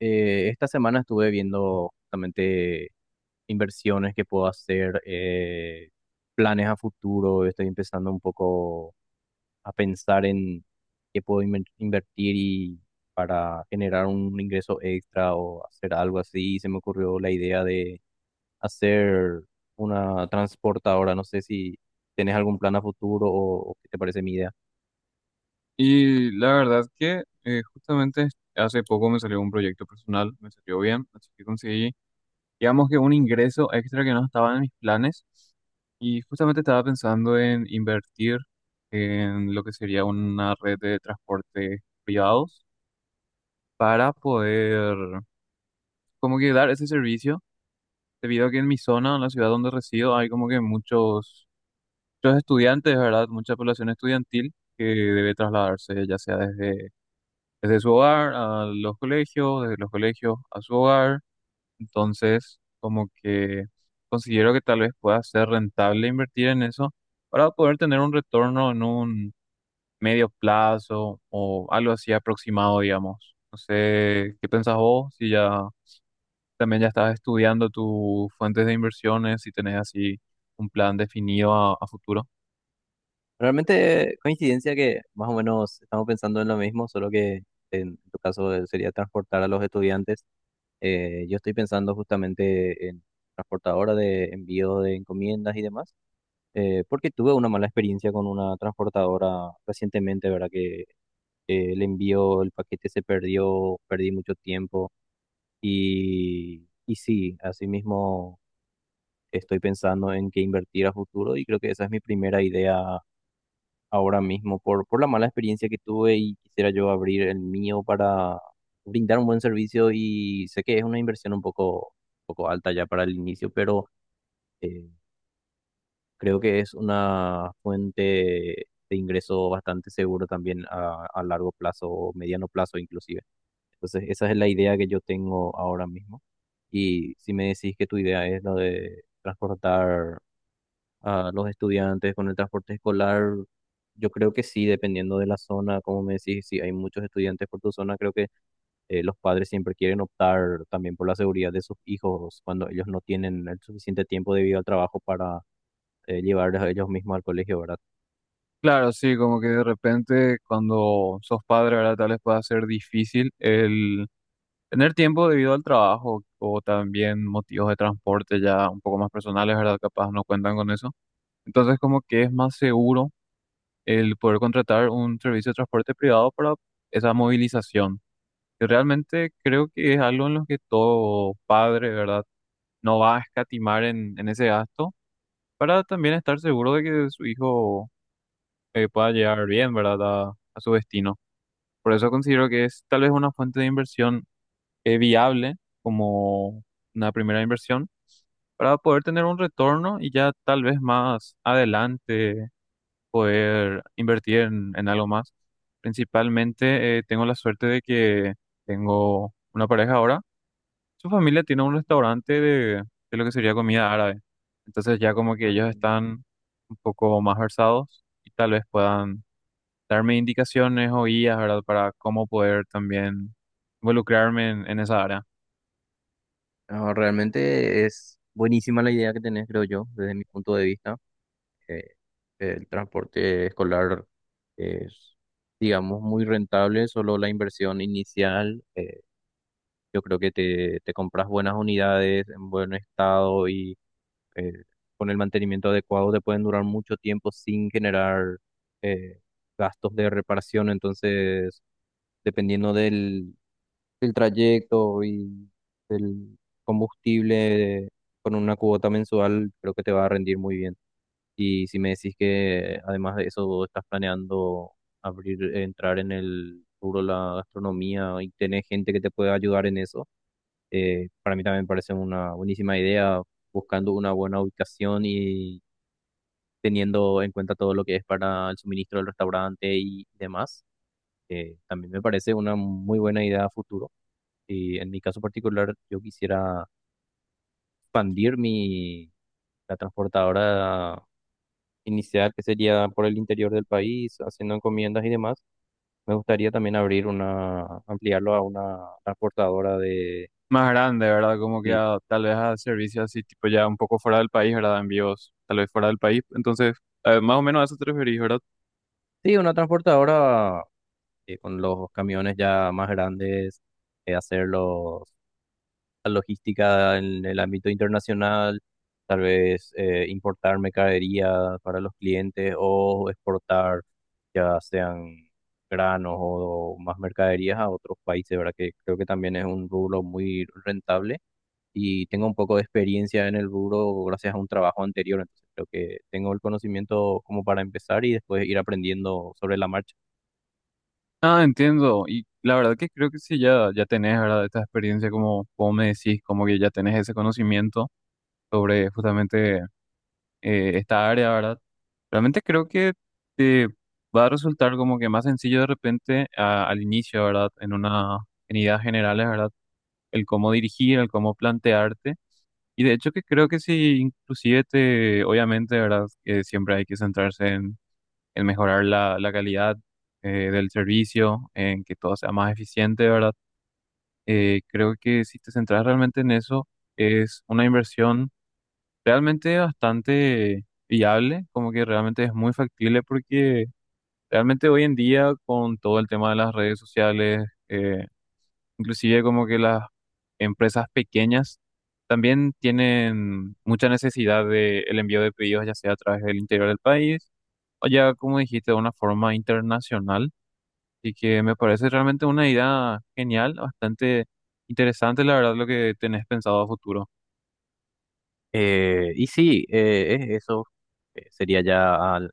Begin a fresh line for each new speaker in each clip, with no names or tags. Esta semana estuve viendo justamente inversiones que puedo hacer, planes a futuro. Estoy empezando un poco a pensar en qué puedo invertir y para generar un ingreso extra o hacer algo así. Y se me ocurrió la idea de hacer una transportadora. No sé si tienes algún plan a futuro o qué te parece mi idea.
Y la verdad que justamente hace poco me salió un proyecto personal, me salió bien, así que conseguí, digamos que un ingreso extra que no estaba en mis planes. Y justamente estaba pensando en invertir en lo que sería una red de transporte privados para poder como que dar ese servicio, debido a que en mi zona, en la ciudad donde resido, hay como que muchos estudiantes, ¿verdad? Mucha población estudiantil que debe trasladarse ya sea desde su hogar a los colegios, desde los colegios a su hogar. Entonces, como que considero que tal vez pueda ser rentable invertir en eso para poder tener un retorno en un medio plazo o algo así aproximado, digamos. No sé, ¿qué pensás vos? Si ya también ya estás estudiando tus fuentes de inversiones, si tenés así un plan definido a futuro.
Realmente coincidencia que más o menos estamos pensando en lo mismo, solo que en tu caso sería transportar a los estudiantes. Yo estoy pensando justamente en transportadora de envío de encomiendas y demás, porque tuve una mala experiencia con una transportadora recientemente, ¿verdad? Que el envío, el paquete se perdió, perdí mucho tiempo y sí, asimismo estoy pensando en qué invertir a futuro y creo que esa es mi primera idea ahora mismo por la mala experiencia que tuve y quisiera yo abrir el mío para brindar un buen servicio y sé que es una inversión un poco alta ya para el inicio, pero eh, creo que es una fuente de ingreso bastante seguro también a largo plazo o mediano plazo inclusive. Entonces, esa es la idea que yo tengo ahora mismo. Y si me decís que tu idea es lo de transportar a los estudiantes con el transporte escolar. Yo creo que sí, dependiendo de la zona, como me decís, si hay muchos estudiantes por tu zona, creo que los padres siempre quieren optar también por la seguridad de sus hijos cuando ellos no tienen el suficiente tiempo debido al trabajo para llevarles a ellos mismos al colegio, ¿verdad?
Claro, sí, como que de repente cuando sos padre, ahora tal vez pueda ser difícil el tener tiempo debido al trabajo o también motivos de transporte ya un poco más personales, ¿verdad? Capaz no cuentan con eso. Entonces, como que es más seguro el poder contratar un servicio de transporte privado para esa movilización. Y realmente creo que es algo en lo que todo padre, ¿verdad? No va a escatimar en ese gasto para también estar seguro de que su hijo pueda llegar bien, ¿verdad? A su destino. Por eso considero que es tal vez una fuente de inversión viable como una primera inversión para poder tener un retorno y ya tal vez más adelante poder invertir en algo más. Principalmente tengo la suerte de que tengo una pareja ahora. Su familia tiene un restaurante de lo que sería comida árabe. Entonces ya como que ellos
Entiendo.
están un poco más versados y tal vez puedan darme indicaciones o guías, ¿verdad? Para cómo poder también involucrarme en esa área.
No, realmente es buenísima la idea que tenés, creo yo, desde mi punto de vista. Eh, el transporte escolar es, digamos, muy rentable, solo la inversión inicial. Yo creo que te compras buenas unidades en buen estado y eh, con el mantenimiento adecuado te pueden durar mucho tiempo sin generar eh, gastos de reparación. Entonces, dependiendo del trayecto y del combustible con una cuota mensual, creo que te va a rendir muy bien. Y si me decís que además de eso vos estás planeando abrir, entrar en el rubro de la gastronomía y tenés gente que te pueda ayudar en eso. Para mí también parece una buenísima idea buscando una buena ubicación y teniendo en cuenta todo lo que es para el suministro del restaurante y demás. También me parece una muy buena idea a futuro. Y en mi caso particular, yo quisiera expandir la transportadora inicial, que sería por el interior del país, haciendo encomiendas y demás. Me gustaría también abrir una, ampliarlo a una transportadora de...
Más grande, ¿verdad? Como que
Sí,
tal vez a servicios así, tipo ya un poco fuera del país, ¿verdad? Envíos tal vez fuera del país. Entonces, más o menos a eso te referís, ¿verdad?
sí, una transportadora con los camiones ya más grandes, hacer la logística en el ámbito internacional, tal vez importar mercadería para los clientes o exportar ya sean granos o, más mercaderías a otros países, ¿verdad? Que creo que también es un rubro muy rentable y tengo un poco de experiencia en el rubro gracias a un trabajo anterior, entonces creo que tengo el conocimiento como para empezar y después ir aprendiendo sobre la marcha.
Ah, entiendo. Y la verdad que creo que sí, ya, ya tenés, ¿verdad? Esta experiencia, como, como me decís, como que ya tenés ese conocimiento sobre justamente esta área, ¿verdad? Realmente creo que te va a resultar como que más sencillo de repente al inicio, ¿verdad? En una, en ideas generales, ¿verdad? El cómo dirigir, el cómo plantearte. Y de hecho que creo que sí, inclusive te, obviamente, ¿verdad? Que siempre hay que centrarse en mejorar la calidad del servicio, en que todo sea más eficiente, ¿verdad? Creo que si te centras realmente en eso, es una inversión realmente bastante viable, como que realmente es muy factible porque realmente hoy en día con todo el tema de las redes sociales, inclusive como que las empresas pequeñas también tienen mucha necesidad de el envío de pedidos, ya sea a través del interior del país o ya, como dijiste, de una forma internacional. Y que me parece realmente una idea genial, bastante interesante, la verdad, lo que tenés pensado a futuro.
Es eso sería ya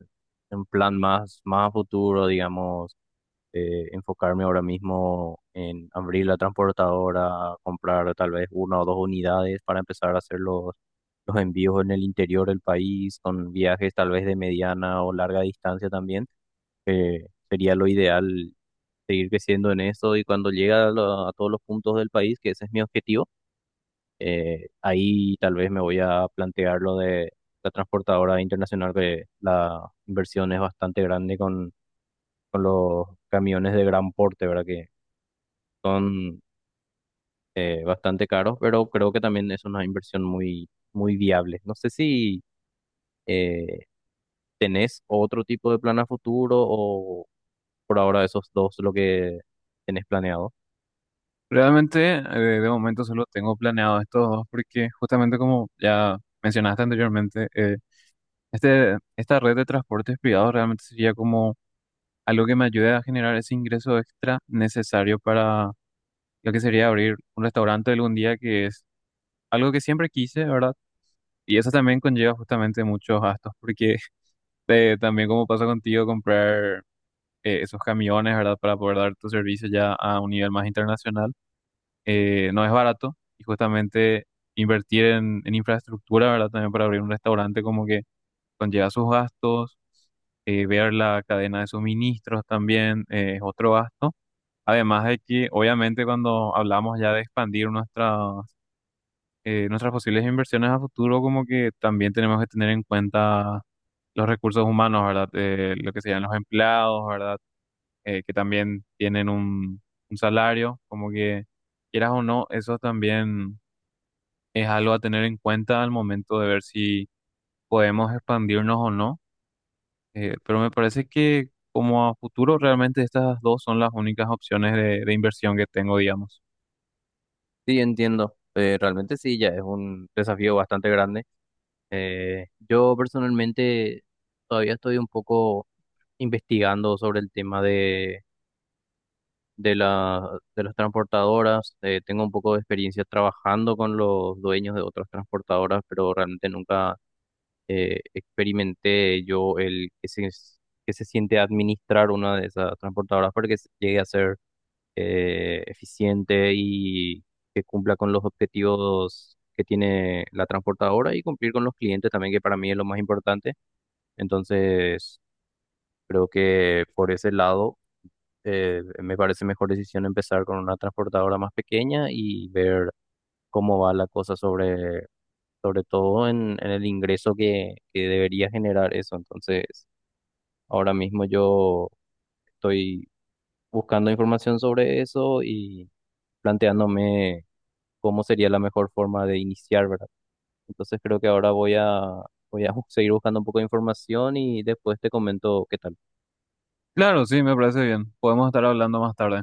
un plan más, más a futuro, digamos, enfocarme ahora mismo en abrir la transportadora, comprar tal vez una o dos unidades para empezar a hacer los envíos en el interior del país, con viajes tal vez de mediana o larga distancia también. Sería lo ideal seguir creciendo en eso y cuando llegue a, a todos los puntos del país, que ese es mi objetivo. Ahí tal vez me voy a plantear lo de la transportadora internacional, que la inversión es bastante grande con los camiones de gran porte, ¿verdad? Que son bastante caros, pero creo que también es una inversión muy viable. No sé si eh, tenés otro tipo de plan a futuro o por ahora esos dos lo que tenés planeado.
Realmente, de momento solo tengo planeado estos dos porque justamente como ya mencionaste anteriormente, este, esta red de transportes privados realmente sería como algo que me ayude a generar ese ingreso extra necesario para lo que sería abrir un restaurante algún día, que es algo que siempre quise, ¿verdad? Y eso también conlleva justamente muchos gastos, porque también como pasa contigo, comprar esos camiones, ¿verdad? Para poder dar tu servicio ya a un nivel más internacional, no es barato y justamente invertir en infraestructura, ¿verdad? También para abrir un restaurante como que conlleva sus gastos ver la cadena de suministros también es otro gasto. Además de que, obviamente, cuando hablamos ya de expandir nuestras, nuestras posibles inversiones a futuro, como que también tenemos que tener en cuenta los recursos humanos, ¿verdad? Lo que serían los empleados, ¿verdad? Que también tienen un salario, como que quieras o no, eso también es algo a tener en cuenta al momento de ver si podemos expandirnos o no. Pero me parece que como a futuro realmente estas dos son las únicas opciones de inversión que tengo, digamos.
Sí, entiendo. Realmente sí, ya es un desafío bastante grande. Yo personalmente todavía estoy un poco investigando sobre el tema de de las transportadoras. Tengo un poco de experiencia trabajando con los dueños de otras transportadoras, pero realmente nunca experimenté yo el que se siente administrar una de esas transportadoras para que llegue a ser eficiente y que cumpla con los objetivos que tiene la transportadora y cumplir con los clientes también, que para mí es lo más importante. Entonces, creo que por ese lado me parece mejor decisión empezar con una transportadora más pequeña y ver cómo va la cosa sobre todo en el ingreso que debería generar eso. Entonces, ahora mismo yo estoy buscando información sobre eso y planteándome cómo sería la mejor forma de iniciar, ¿verdad? Entonces, creo que ahora voy a seguir buscando un poco de información y después te comento qué tal.
Claro, sí, me parece bien. Podemos estar hablando más tarde.